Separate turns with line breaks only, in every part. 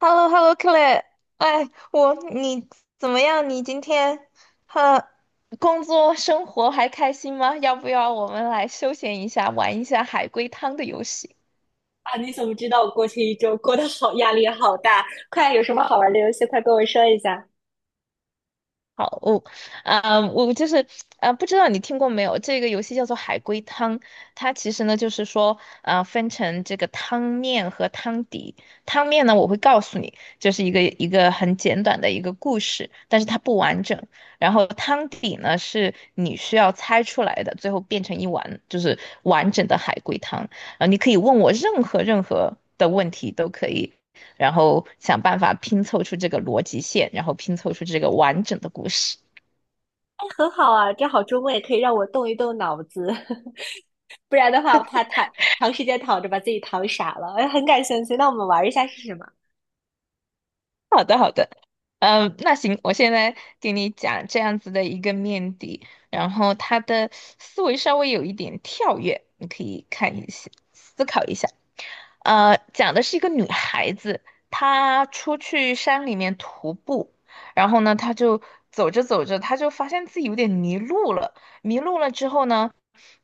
h e l l o h e l l o c l a 哎，你怎么样？你今天，哈，工作生活还开心吗？要不要我们来休闲一下，玩一下海龟汤的游戏？
你怎么知道我过去一周过得好，压力好大？快，有什么好玩的游戏，快跟我说一下。
好，我就是，不知道你听过没有？这个游戏叫做海龟汤。它其实呢就是说，啊，分成这个汤面和汤底。汤面呢，我会告诉你，就是一个很简短的一个故事，但是它不完整。然后汤底呢，是你需要猜出来的，最后变成一碗就是完整的海龟汤。啊，你可以问我任何的问题都可以，然后想办法拼凑出这个逻辑线，然后拼凑出这个完整的故事。
很好啊，正好周末也可以让我动一动脑子，不然的话，我怕躺长时间躺着把自己躺傻了。哎，很感兴趣，那我们玩一下是什么？
好的，嗯，那行，我现在给你讲这样子的一个面的，然后他的思维稍微有一点跳跃，你可以看一下，思考一下。讲的是一个女孩子，她出去山里面徒步，然后呢，她就走着走着，她就发现自己有点迷路了。迷路了之后呢，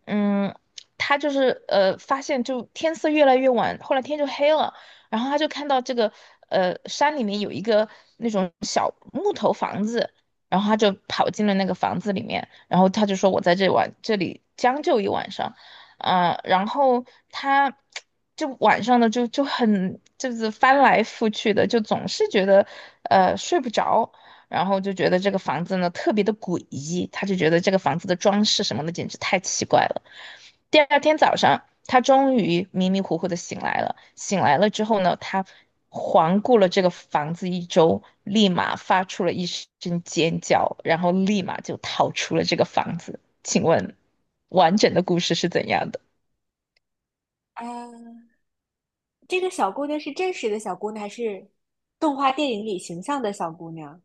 嗯，他就是发现就天色越来越晚，后来天就黑了，然后他就看到这个山里面有一个那种小木头房子，然后他就跑进了那个房子里面，然后他就说我在这晚这里将就一晚上。然后他就晚上呢就很就是翻来覆去的，就总是觉得睡不着，然后就觉得这个房子呢特别的诡异，他就觉得这个房子的装饰什么的简直太奇怪了。第二天早上，他终于迷迷糊糊的醒来了。醒来了之后呢，他环顾了这个房子一周，立马发出了一声尖叫，然后立马就逃出了这个房子。请问，完整的故事是怎样的？
啊，这个小姑娘是真实的小姑娘，还是动画电影里形象的小姑娘？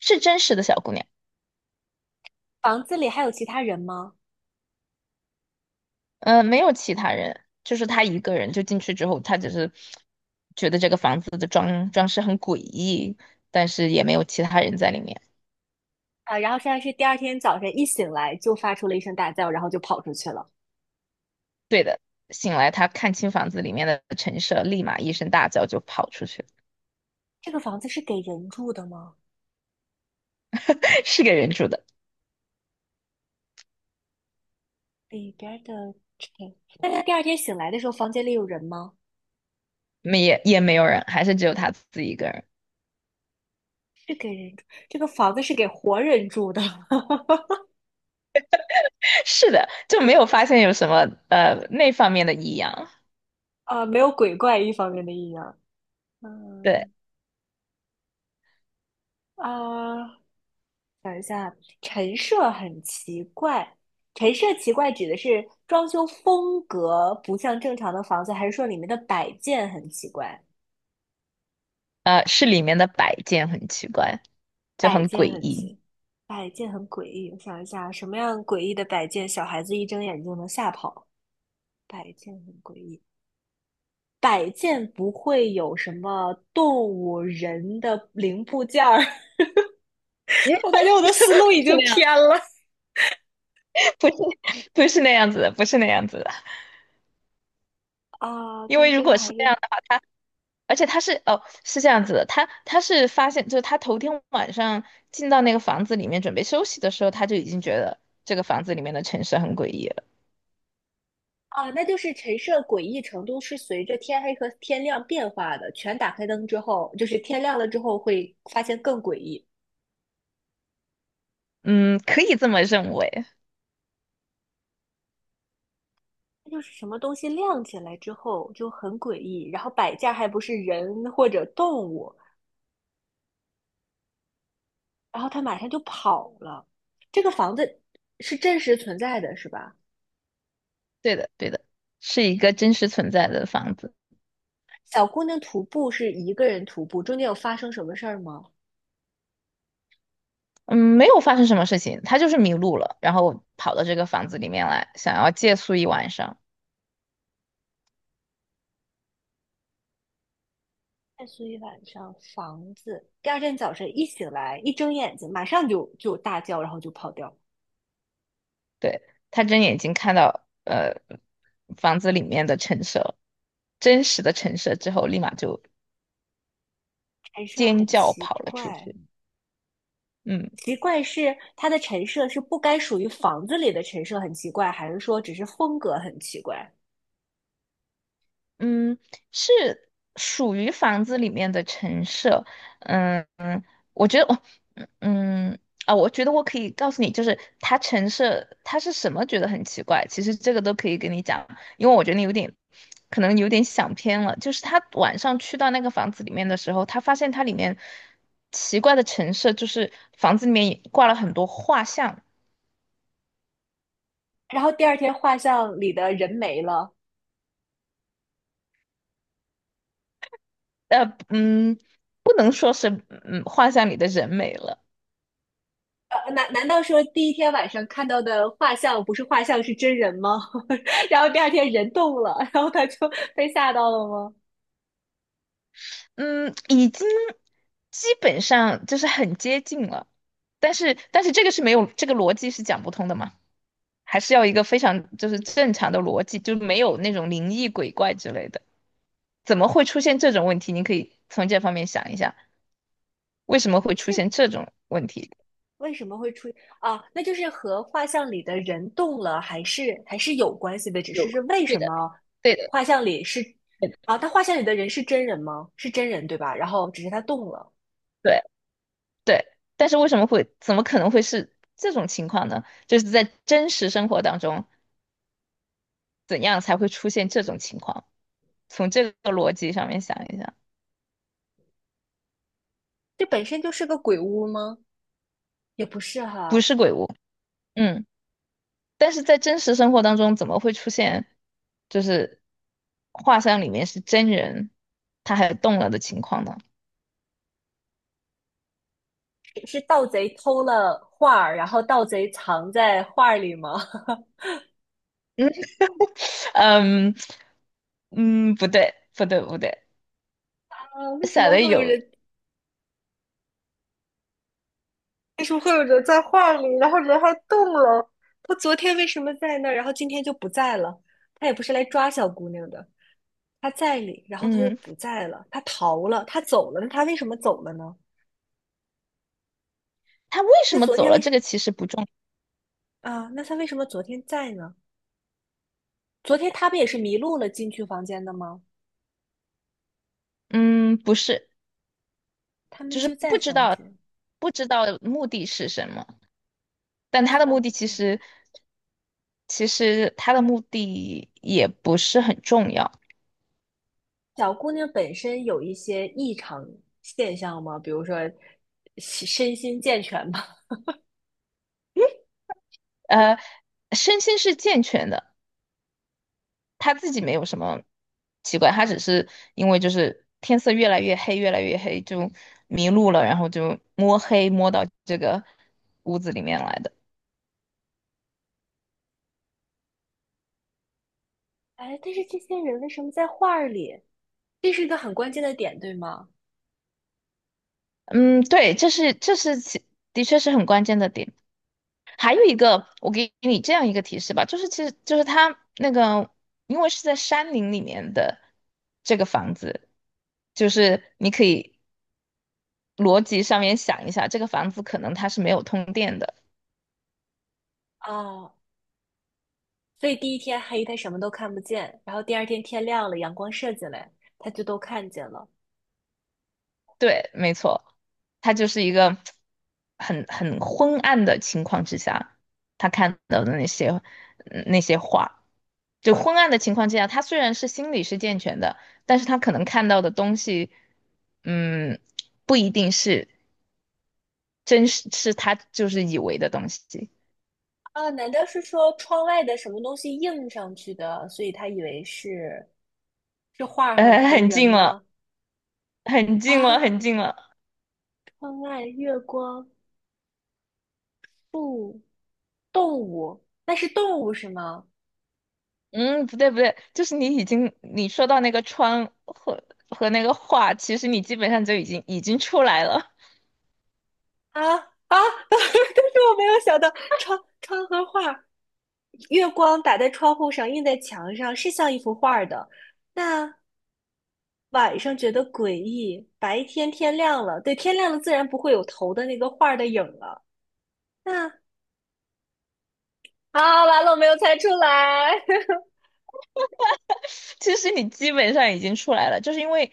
是真实的小姑娘。
房子里还有其他人吗？
没有其他人，就是他一个人就进去之后，他只是觉得这个房子的装饰很诡异，但是也没有其他人在里面。
然后现在是第二天早晨一醒来就发出了一声大叫，然后就跑出去了。
对的，醒来他看清房子里面的陈设，立马一声大叫就跑出去。
这个房子是给人住的吗？
是个人住的。
里边儿的尘。那他第二天醒来的时候，房间里有人吗？
没也也没有人，还是只有他自己一个人。
是给人住，这个房子是给活人住的，
是的，就没有发现有什么那方面的异样。
啊，没有鬼怪一方面的阴阳。
对，
嗯啊，陈设很奇怪，陈设奇怪指的是装修风格不像正常的房子，还是说里面的摆件很奇怪？
是里面的摆件很奇怪，就
摆
很诡
件很
异。
奇，摆件很诡异。我想一下，什么样诡异的摆件，小孩子一睁眼就能吓跑？摆件很诡异。摆件不会有什么动物、人的零部件儿。我感觉我的思路已
不是
经
那样，
偏了。
不是不是那样子的，不是那样子的。
啊，
因
但
为如
是
果
它
是
还
这
是
样的话，而且他是，哦，是这样子的，他是发现就是他头天晚上进到那个房子里面准备休息的时候，他就已经觉得这个房子里面的陈设很诡异了。
啊，那就是陈设诡异程度是随着天黑和天亮变化的。全打开灯之后，就是天亮了之后会发现更诡异。
嗯，可以这么认为。
那就是什么东西亮起来之后就很诡异，然后摆件还不是人或者动物，然后它马上就跑了。这个房子是真实存在的，是吧？
对的，对的，是一个真实存在的房子。
小姑娘徒步是一个人徒步，中间有发生什么事儿吗？
嗯，没有发生什么事情，他就是迷路了，然后跑到这个房子里面来，想要借宿一晚上。
在所以晚上房子，第二天早晨一醒来，一睁眼睛马上就大叫，然后就跑掉。
对，他睁眼睛看到房子里面的陈设，真实的陈设之后，立马就
陈设
尖
很
叫
奇
跑了出
怪，
去。嗯
奇怪是它的陈设是不该属于房子里的陈设很奇怪，还是说只是风格很奇怪？
嗯，是属于房子里面的陈设。嗯嗯，我觉得我嗯啊，我觉得我可以告诉你，就是它陈设它是什么，觉得很奇怪。其实这个都可以跟你讲，因为我觉得你有点可能有点想偏了。就是他晚上去到那个房子里面的时候，他发现它里面奇怪的陈设，就是房子里面挂了很多画像。
然后第二天画像里的人没了，
呃，嗯，不能说是画像里的人美了。
难道说第一天晚上看到的画像不是画像是真人吗？然后第二天人动了，然后他就被吓到了吗？
嗯，已经基本上就是很接近了，但是这个是没有，这个逻辑是讲不通的嘛，还是要一个非常就是正常的逻辑，就没有那种灵异鬼怪之类的，怎么会出现这种问题？你可以从这方面想一下，为什么会出现这种问题？
为什么会出啊？那就是和画像里的人动了，还是有关系的，只是
有，
为
对
什
的，
么
对的，
画像里是
对
啊？
的，
他画像里的人是真人吗？是真人对吧？然后只是他动了，
对对，但是为什么会，怎么可能会是这种情况呢？就是在真实生活当中，怎样才会出现这种情况？从这个逻辑上面想一想。
这本身就是个鬼屋吗？也不是
不
哈，
是鬼屋，嗯，但是在真实生活当中，怎么会出现就是画像里面是真人，他还动了的情况呢？
是盗贼偷了画儿然后盗贼藏在画儿里吗？
嗯嗯，不对不对不对，
啊，为什
想
么
的
会有
有，
人？为什么会有人在画里，然后人还动了？他昨天为什么在那儿，然后今天就不在了？他也不是来抓小姑娘的。他在里，然后他又
嗯，
不在了，他逃了，他走了，那他为什么走了呢？
他为什
那
么
昨
走
天
了？
为
这
什
个其实不重。
啊？那他为什么昨天在呢？昨天他不也是迷路了进去房间的吗？
嗯，不是，
他们
就是
就在房间，
不知道目的是什么。但他
知
的
道
目
不
的其
对。
实，其实他的目的也不是很重要。
小姑娘本身有一些异常现象吗？比如说身心健全吗？
呃，身心是健全的，他自己没有什么奇怪，他只是因为就是天色越来越黑，越来越黑就迷路了，然后就摸黑摸到这个屋子里面来的。
哎，但是这些人为什么在画儿里？这是一个很关键的点，对吗？
嗯，对，这是这是其的确是很关键的点。还有一个，我给你这样一个提示吧，就是其实就是他那个，因为是在山林里面的这个房子，就是你可以逻辑上面想一下，这个房子可能它是没有通电的。
啊，所以第一天黑，他什么都看不见，然后第二天天亮了，阳光射进来，他就都看见了。
对，没错，它就是一个很昏暗的情况之下，他看到的那些画。就昏暗的情况之下，他虽然是心理是健全的，但是他可能看到的东西，嗯，不一定是真是是他就是以为的东西。
啊，难道是说窗外的什么东西映上去的，所以他以为是是画和和
很
人
近了，
吗？
很近了，
啊，
很近了。
窗外月光不动物，那是动物是吗？
嗯，不对不对，就是你已经你说到那个窗和那个画，其实你基本上就已经出来了。
啊啊，但是我没有想到窗和画月光打在窗户上，映在墙上，是像一幅画儿的。那晚上觉得诡异，白天天亮了，对，天亮了自然不会有头的那个画儿的影了。那啊，完了，我没有猜出来。
其实你基本上已经出来了，就是因为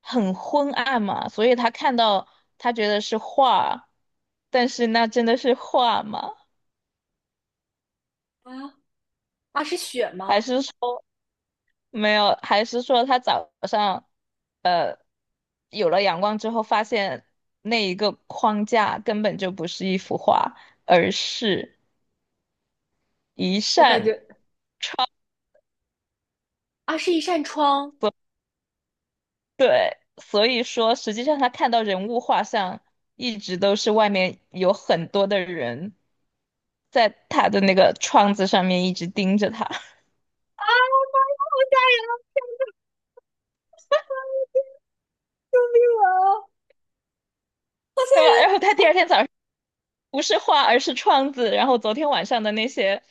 很昏暗嘛，所以他看到他觉得是画，但是那真的是画吗？
啊啊，是雪
还
吗？
是说没有？还是说他早上有了阳光之后，发现那一个框架根本就不是一幅画，而是一
我感觉
扇窗。
啊，是一扇窗。
所所以说，实际上他看到人物画像，一直都是外面有很多的人在他的那个窗子上面一直盯着他。对吧？然后他第二天早上不是画，而是窗子。然后昨天晚上的那些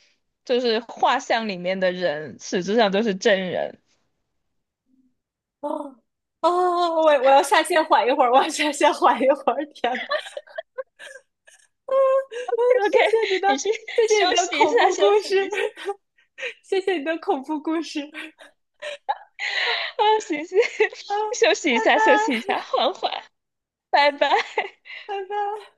就是画像里面的人，实质上都是真人。
哦哦，我要下线缓一会儿，我要下线缓一会儿。天呐，啊，嗯，谢
OK，
谢你的，
你去
谢谢你
休
的
息一
恐
下，
怖
休
故
息
事，
一下。
谢谢你的恐怖故事。
啊，行行，
啊，
休息
拜
一下，
拜，
休息一下，缓缓，拜拜。
拜拜。